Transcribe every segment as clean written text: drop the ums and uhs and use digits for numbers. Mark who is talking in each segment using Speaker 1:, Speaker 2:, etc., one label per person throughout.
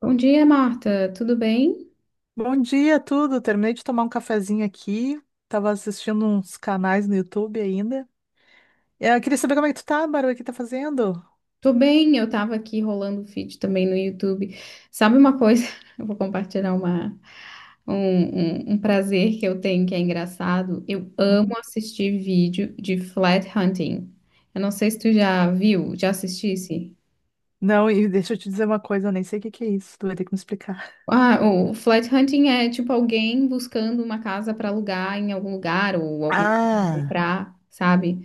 Speaker 1: Bom dia, Marta. Tudo bem?
Speaker 2: Bom dia, tudo. Terminei de tomar um cafezinho aqui. Tava assistindo uns canais no YouTube ainda. Eu queria saber como é que tu tá, Bárbara, o que tá fazendo?
Speaker 1: Tô bem, eu tava aqui rolando o feed também no YouTube. Sabe uma coisa? Eu vou compartilhar uma, um prazer que eu tenho que é engraçado. Eu
Speaker 2: Uhum.
Speaker 1: amo assistir vídeo de flat hunting. Eu não sei se tu já viu, já assistisse.
Speaker 2: Não, e deixa eu te dizer uma coisa, eu nem sei o que que é isso. Tu vai ter que me explicar.
Speaker 1: Ah, o flat hunting é tipo alguém buscando uma casa para alugar em algum lugar ou alguma coisa pra
Speaker 2: Ah.
Speaker 1: comprar, sabe?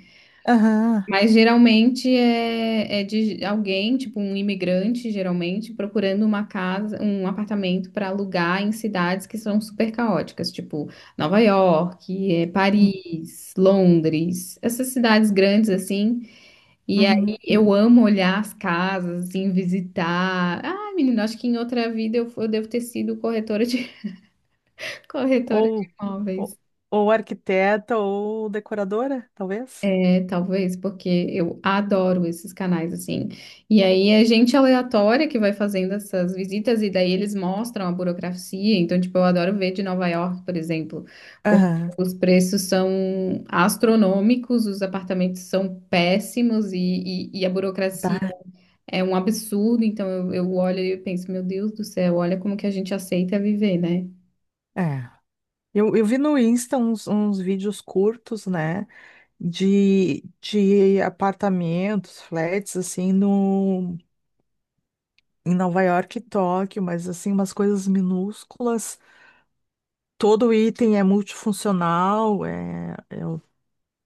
Speaker 2: Aham.
Speaker 1: Mas geralmente é de alguém, tipo um imigrante, geralmente, procurando uma casa, um apartamento para alugar em cidades que são super caóticas, tipo Nova York, Paris, Londres, essas cidades grandes assim. E
Speaker 2: Uhum.
Speaker 1: aí eu amo olhar as casas, assim, visitar. Ah, menina, acho que em outra vida eu devo ter sido corretora de corretora de
Speaker 2: Ou, ou,
Speaker 1: imóveis.
Speaker 2: ou arquiteta ou decoradora, talvez?
Speaker 1: Talvez, porque eu adoro esses canais, assim. E aí é gente aleatória que vai fazendo essas visitas, e daí eles mostram a burocracia. Então, tipo, eu adoro ver de Nova York, por exemplo, porque
Speaker 2: Aham.
Speaker 1: os preços são astronômicos, os apartamentos são péssimos e a burocracia
Speaker 2: Bah,
Speaker 1: é um absurdo. Então, eu olho e eu penso, meu Deus do céu, olha como que a gente aceita viver, né?
Speaker 2: é. Eu vi no Insta uns vídeos curtos, né, de apartamentos, flats, assim, no, em Nova York e Tóquio, mas assim, umas coisas minúsculas. Todo item é multifuncional,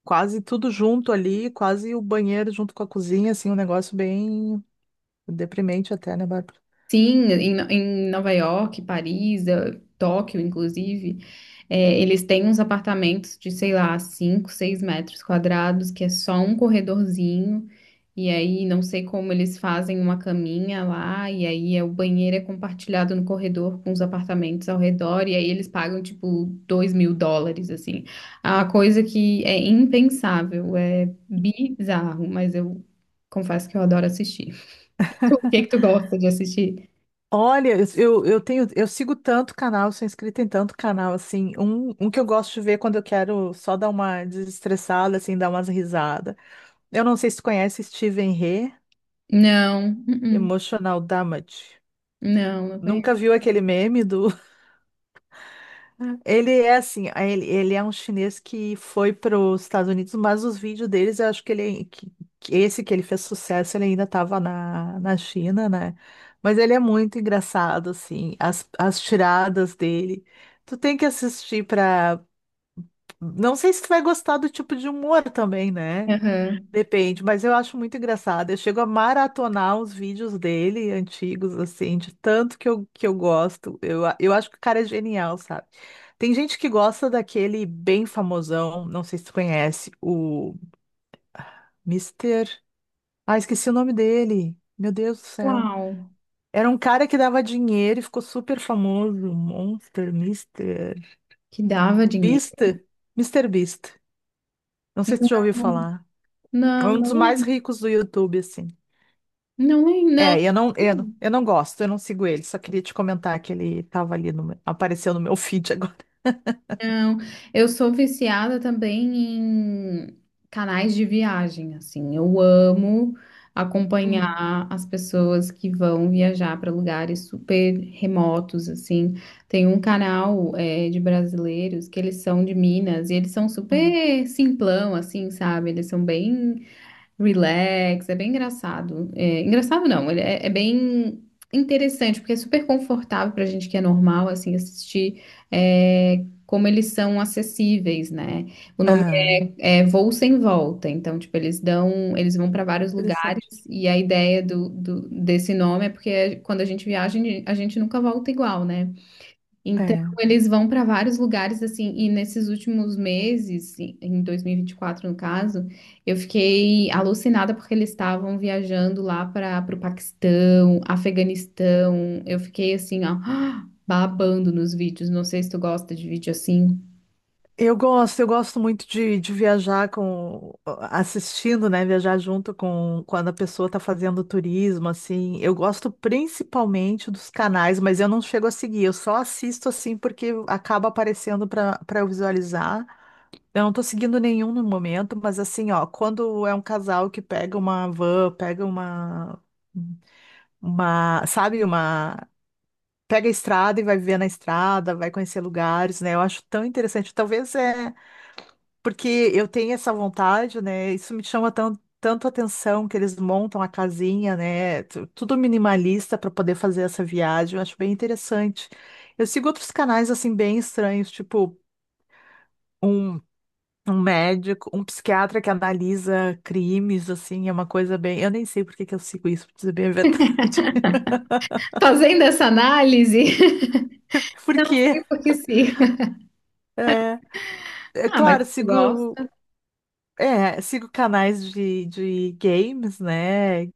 Speaker 2: quase tudo junto ali, quase o banheiro junto com a cozinha, assim, um negócio bem deprimente até, né, Bárbara?
Speaker 1: Sim, em Nova York, Paris, Tóquio, inclusive. É, eles têm uns apartamentos de, sei lá, 5, 6 metros quadrados, que é só um corredorzinho, e aí não sei como eles fazem uma caminha lá, e aí é, o banheiro é compartilhado no corredor com os apartamentos ao redor, e aí eles pagam tipo 2 mil dólares, assim. É uma coisa que é impensável, é bizarro, mas eu confesso que eu adoro assistir. O que que tu gosta de assistir?
Speaker 2: Olha, eu tenho, eu sigo tanto canal, sou inscrita em tanto canal, assim, um que eu gosto de ver quando eu quero só dar uma desestressada, assim, dar umas risadas. Eu não sei se tu conhece Steven He,
Speaker 1: Não, uh-uh,
Speaker 2: Emotional Damage.
Speaker 1: não, não conheço.
Speaker 2: Nunca viu aquele meme do, Ele é um chinês que foi para os Estados Unidos, mas os vídeos deles, eu acho que esse que ele fez sucesso, ele ainda estava na China, né? Mas ele é muito engraçado, assim, as tiradas dele. Tu tem que assistir para, não sei se tu vai gostar do tipo de humor também, né?
Speaker 1: Aham.
Speaker 2: Depende, mas eu acho muito engraçado. Eu chego a maratonar os vídeos dele, antigos, assim, de tanto que eu gosto. Eu acho que o cara é genial, sabe? Tem gente que gosta daquele bem famosão, não sei se tu conhece, o Mister. Ah, esqueci o nome dele. Meu Deus do céu.
Speaker 1: Uau,
Speaker 2: Era um cara que dava dinheiro e ficou super famoso. Monster, Mister.
Speaker 1: que dava dinheiro.
Speaker 2: Beast. Mister Beast. Não sei se tu já
Speaker 1: Não,
Speaker 2: ouviu falar. É
Speaker 1: não,
Speaker 2: um dos mais
Speaker 1: não,
Speaker 2: ricos do YouTube, assim.
Speaker 1: não, não, não.
Speaker 2: Eu não gosto, eu não sigo ele. Só queria te comentar que ele estava ali apareceu no meu feed agora.
Speaker 1: não. Eu sou viciada também em canais de viagem, assim. Eu amo
Speaker 2: Uhum,
Speaker 1: acompanhar as pessoas que vão viajar para lugares super remotos, assim. Tem um canal é, de brasileiros que eles são de Minas e eles são
Speaker 2: uhum.
Speaker 1: super simplão, assim, sabe? Eles são bem Relax, é bem engraçado. É, engraçado não, ele é bem interessante, porque é super confortável pra gente que é normal, assim, assistir é, como eles são acessíveis, né? O nome
Speaker 2: Ah,
Speaker 1: é Voo Sem Volta, então, tipo, eles dão, eles vão pra vários lugares,
Speaker 2: interessante.
Speaker 1: e a ideia desse nome é porque quando a gente viaja, a gente nunca volta igual, né? Então,
Speaker 2: É.
Speaker 1: eles vão para vários lugares, assim, e nesses últimos meses, em 2024, no caso, eu fiquei alucinada porque eles estavam viajando lá para o Paquistão, Afeganistão. Eu fiquei assim, ó, babando nos vídeos. Não sei se tu gosta de vídeo assim.
Speaker 2: Eu gosto muito de viajar com, assistindo, né? Viajar junto com quando a pessoa está fazendo turismo, assim. Eu gosto principalmente dos canais, mas eu não chego a seguir. Eu só assisto assim porque acaba aparecendo para eu visualizar. Eu não tô seguindo nenhum no momento, mas assim, ó, quando é um casal que pega uma van, pega uma, sabe, uma, pega a estrada e vai viver na estrada, vai conhecer lugares, né? Eu acho tão interessante. Talvez é porque eu tenho essa vontade, né? Isso me chama tanto atenção que eles montam a casinha, né? Tudo minimalista para poder fazer essa viagem. Eu acho bem interessante. Eu sigo outros canais assim bem estranhos, tipo um Um médico, um psiquiatra que analisa crimes, assim, é uma coisa bem. Eu nem sei por que que eu sigo isso, pra dizer bem a verdade.
Speaker 1: Fazendo essa análise, não
Speaker 2: Porque,
Speaker 1: sei por que sim.
Speaker 2: é, é
Speaker 1: Ah, mas
Speaker 2: claro,
Speaker 1: tu gosta?
Speaker 2: sigo canais de games, né?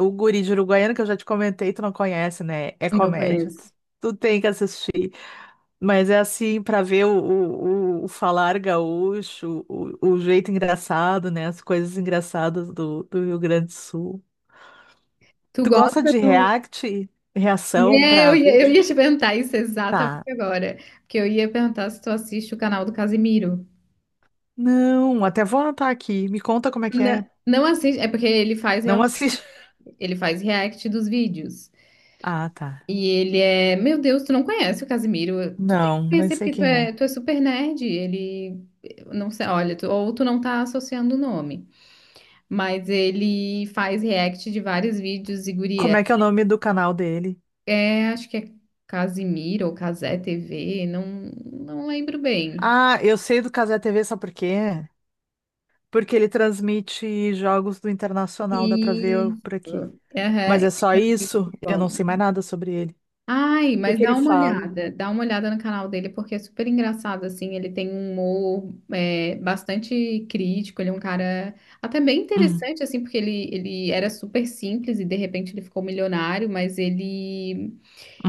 Speaker 2: O Guri de Uruguaiana, que eu já te comentei, tu não conhece, né? É
Speaker 1: Não
Speaker 2: comédia.
Speaker 1: conheço.
Speaker 2: Tu tem que assistir. Mas é assim, pra ver o falar gaúcho, o jeito engraçado, né? As coisas engraçadas do Rio Grande do Sul.
Speaker 1: Tu
Speaker 2: Tu gosta
Speaker 1: gosta
Speaker 2: de
Speaker 1: do.
Speaker 2: React, reação
Speaker 1: É, eu
Speaker 2: pra
Speaker 1: ia, eu
Speaker 2: vídeo?
Speaker 1: ia te perguntar isso exatamente
Speaker 2: Tá.
Speaker 1: agora. Porque eu ia perguntar se tu assiste o canal do Casimiro.
Speaker 2: Não, até vou anotar aqui. Me conta como é que
Speaker 1: Não,
Speaker 2: é.
Speaker 1: não assiste, é porque ele faz
Speaker 2: Não assisto.
Speaker 1: ele faz react dos vídeos.
Speaker 2: Ah, tá.
Speaker 1: E ele é, meu Deus, tu não conhece o Casimiro, tu tem que
Speaker 2: Não, não
Speaker 1: conhecer
Speaker 2: sei
Speaker 1: porque
Speaker 2: quem é.
Speaker 1: tu é super nerd, ele não sei, olha, ou tu não tá associando o nome, mas ele faz react de vários vídeos e
Speaker 2: Como
Speaker 1: guria,
Speaker 2: é que é o nome do canal dele?
Speaker 1: acho que é Casimiro ou Casé TV, não lembro bem.
Speaker 2: Ah, eu sei do Cazé TV, sabe por quê? Porque ele transmite jogos do Internacional, dá pra
Speaker 1: E
Speaker 2: ver por aqui.
Speaker 1: aham,
Speaker 2: Mas
Speaker 1: é
Speaker 2: é só isso?
Speaker 1: muito
Speaker 2: Eu
Speaker 1: bom.
Speaker 2: não sei mais nada sobre ele.
Speaker 1: Ai,
Speaker 2: O que
Speaker 1: mas
Speaker 2: que ele fala?
Speaker 1: dá uma olhada no canal dele, porque é super engraçado, assim, ele tem um humor é, bastante crítico, ele é um cara até bem
Speaker 2: Uhum,
Speaker 1: interessante, assim, porque ele era super simples e de repente ele ficou milionário, mas ele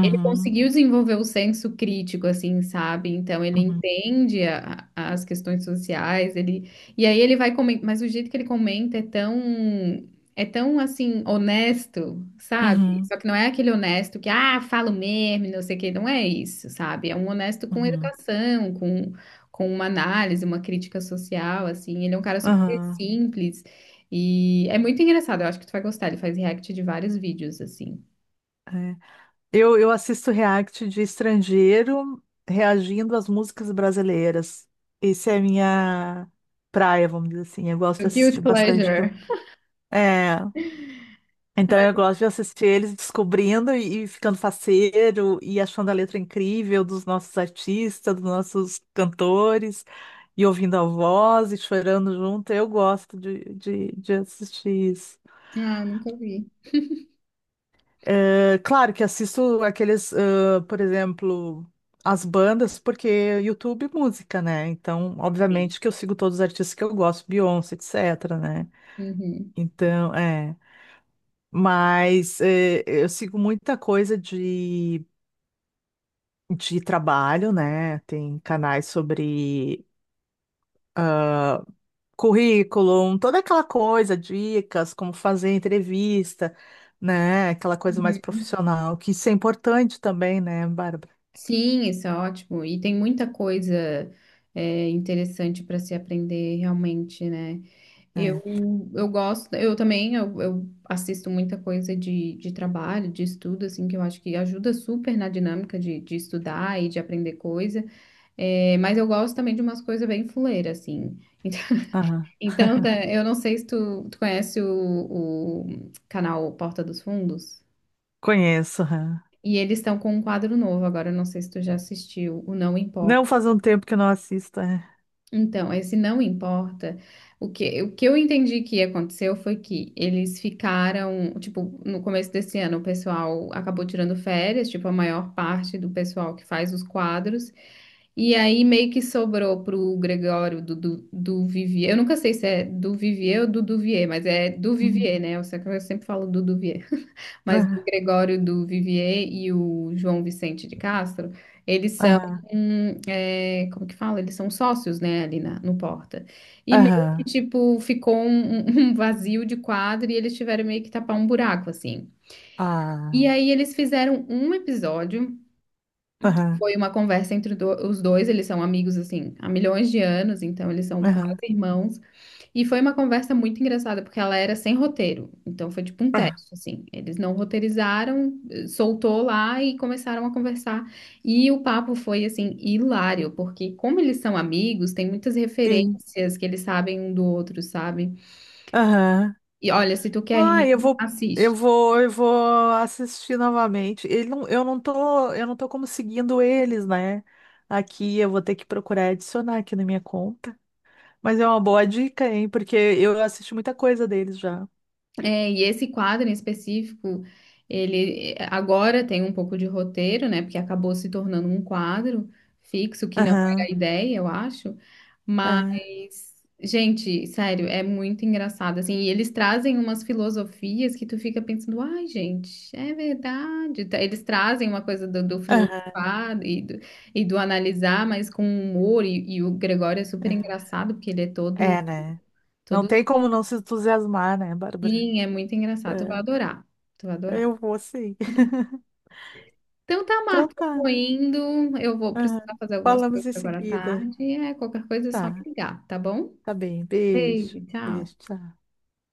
Speaker 1: ele conseguiu desenvolver o senso crítico, assim, sabe? Então ele
Speaker 2: uhum,
Speaker 1: entende as questões sociais, ele e aí ele vai comentar, mas o jeito que ele comenta é tão assim honesto, sabe?
Speaker 2: uhum,
Speaker 1: Só que não é aquele honesto que ah, falo mesmo, não sei o quê, não é isso, sabe? É um honesto com
Speaker 2: uhum,
Speaker 1: educação, com uma análise, uma crítica social, assim. Ele é um cara super
Speaker 2: uhum,
Speaker 1: simples e é muito engraçado. Eu acho que tu vai gostar. Ele faz react de vários vídeos, assim.
Speaker 2: é. Eu assisto react de estrangeiro reagindo às músicas brasileiras. Essa é a minha praia, vamos dizer assim. Eu gosto
Speaker 1: O
Speaker 2: de
Speaker 1: Guilty
Speaker 2: assistir bastante do...
Speaker 1: Pleasure.
Speaker 2: É, então eu gosto de assistir eles descobrindo e ficando faceiro e achando a letra incrível dos nossos artistas, dos nossos cantores, e ouvindo a voz e chorando junto. Eu gosto de assistir isso.
Speaker 1: Ah, nunca vi.
Speaker 2: Eh, claro que assisto aqueles, ah, por exemplo, as bandas, porque YouTube música, né? Então,
Speaker 1: Sim.
Speaker 2: obviamente que eu sigo todos os artistas que eu gosto, Beyoncé, etc, né?
Speaker 1: Uhum.
Speaker 2: Então, é. Mas eh, eu sigo muita coisa de trabalho, né? Tem canais sobre currículo, toda aquela coisa, dicas, como fazer entrevista, né? Aquela coisa mais
Speaker 1: Uhum.
Speaker 2: profissional, que isso é importante também, né, Bárbara?
Speaker 1: Sim, isso é ótimo. E tem muita coisa é, interessante para se aprender realmente, né?
Speaker 2: É.
Speaker 1: Eu também eu assisto muita coisa de trabalho, de estudo, assim, que eu acho que ajuda super na dinâmica de estudar e de aprender coisa. É, mas eu gosto também de umas coisas bem fuleiras, assim.
Speaker 2: Aham.
Speaker 1: Tá, eu não sei se tu conhece o canal Porta dos Fundos.
Speaker 2: Conheço. Aham.
Speaker 1: E eles estão com um quadro novo agora, eu não sei se tu já assistiu, o Não Importa.
Speaker 2: Não faz um tempo que eu não assisto. É.
Speaker 1: Então, esse Não Importa, o que eu entendi que aconteceu foi que eles ficaram, tipo, no começo desse ano o pessoal acabou tirando férias, tipo, a maior parte do pessoal que faz os quadros, e aí meio que sobrou pro Gregório do Vivier, eu nunca sei se é do Vivier ou do Duvier, mas é do
Speaker 2: Hum.
Speaker 1: Vivier, né? Eu sei que eu sempre falo do Duvier. Mas o
Speaker 2: Aham.
Speaker 1: Gregório do Vivier e o João Vicente de Castro, eles são,
Speaker 2: Aham.
Speaker 1: é, como que fala? Eles são sócios, né, ali na, no Porta. E meio que,
Speaker 2: Aham.
Speaker 1: tipo, ficou um, um vazio de quadro e eles tiveram meio que tapar um buraco, assim.
Speaker 2: Ah.
Speaker 1: E aí eles fizeram um episódio,
Speaker 2: Aham.
Speaker 1: foi uma conversa entre os dois, eles são amigos, assim, há milhões de anos, então eles são quase
Speaker 2: Aham.
Speaker 1: irmãos. E foi uma conversa muito engraçada, porque ela era sem roteiro. Então foi tipo um
Speaker 2: Ah.
Speaker 1: teste, assim. Eles não roteirizaram, soltou lá e começaram a conversar. E o papo foi, assim, hilário, porque como eles são amigos, tem muitas
Speaker 2: Sim.
Speaker 1: referências que eles sabem um do outro, sabe?
Speaker 2: Aham.
Speaker 1: E olha, se tu quer
Speaker 2: Ah,
Speaker 1: rir, assiste.
Speaker 2: eu vou assistir novamente. Ele não, eu não tô como seguindo eles, né? Aqui eu vou ter que procurar adicionar aqui na minha conta. Mas é uma boa dica, hein? Porque eu assisti muita coisa deles já.
Speaker 1: É, e esse quadro em específico, ele agora tem um pouco de roteiro, né? Porque acabou se tornando um quadro fixo, que não era
Speaker 2: Aham.
Speaker 1: a ideia, eu acho.
Speaker 2: É.
Speaker 1: Mas, gente, sério, é muito engraçado, assim. E eles trazem umas filosofias que tu fica pensando, ai, gente, é verdade. Tá, eles trazem uma coisa do, do
Speaker 2: Aham.
Speaker 1: filosofar e do analisar, mas com humor. E o Gregório é super
Speaker 2: É,
Speaker 1: engraçado, porque ele é todo.
Speaker 2: É, né? Não
Speaker 1: Todo
Speaker 2: tem como não se entusiasmar, né, Bárbara?
Speaker 1: Sim, é muito engraçado. Tu vai
Speaker 2: É,
Speaker 1: adorar. Tu vai adorar.
Speaker 2: eu vou sim.
Speaker 1: Então tá,
Speaker 2: Então
Speaker 1: Marta, eu
Speaker 2: tá.
Speaker 1: vou indo. Eu vou precisar
Speaker 2: Aham.
Speaker 1: fazer algumas
Speaker 2: Falamos
Speaker 1: coisas
Speaker 2: em
Speaker 1: agora à
Speaker 2: seguida.
Speaker 1: tarde. É, qualquer coisa é só me
Speaker 2: Tá,
Speaker 1: ligar, tá bom?
Speaker 2: tá bem. Beijo.
Speaker 1: Beijo, tchau.
Speaker 2: Beijo, tchau.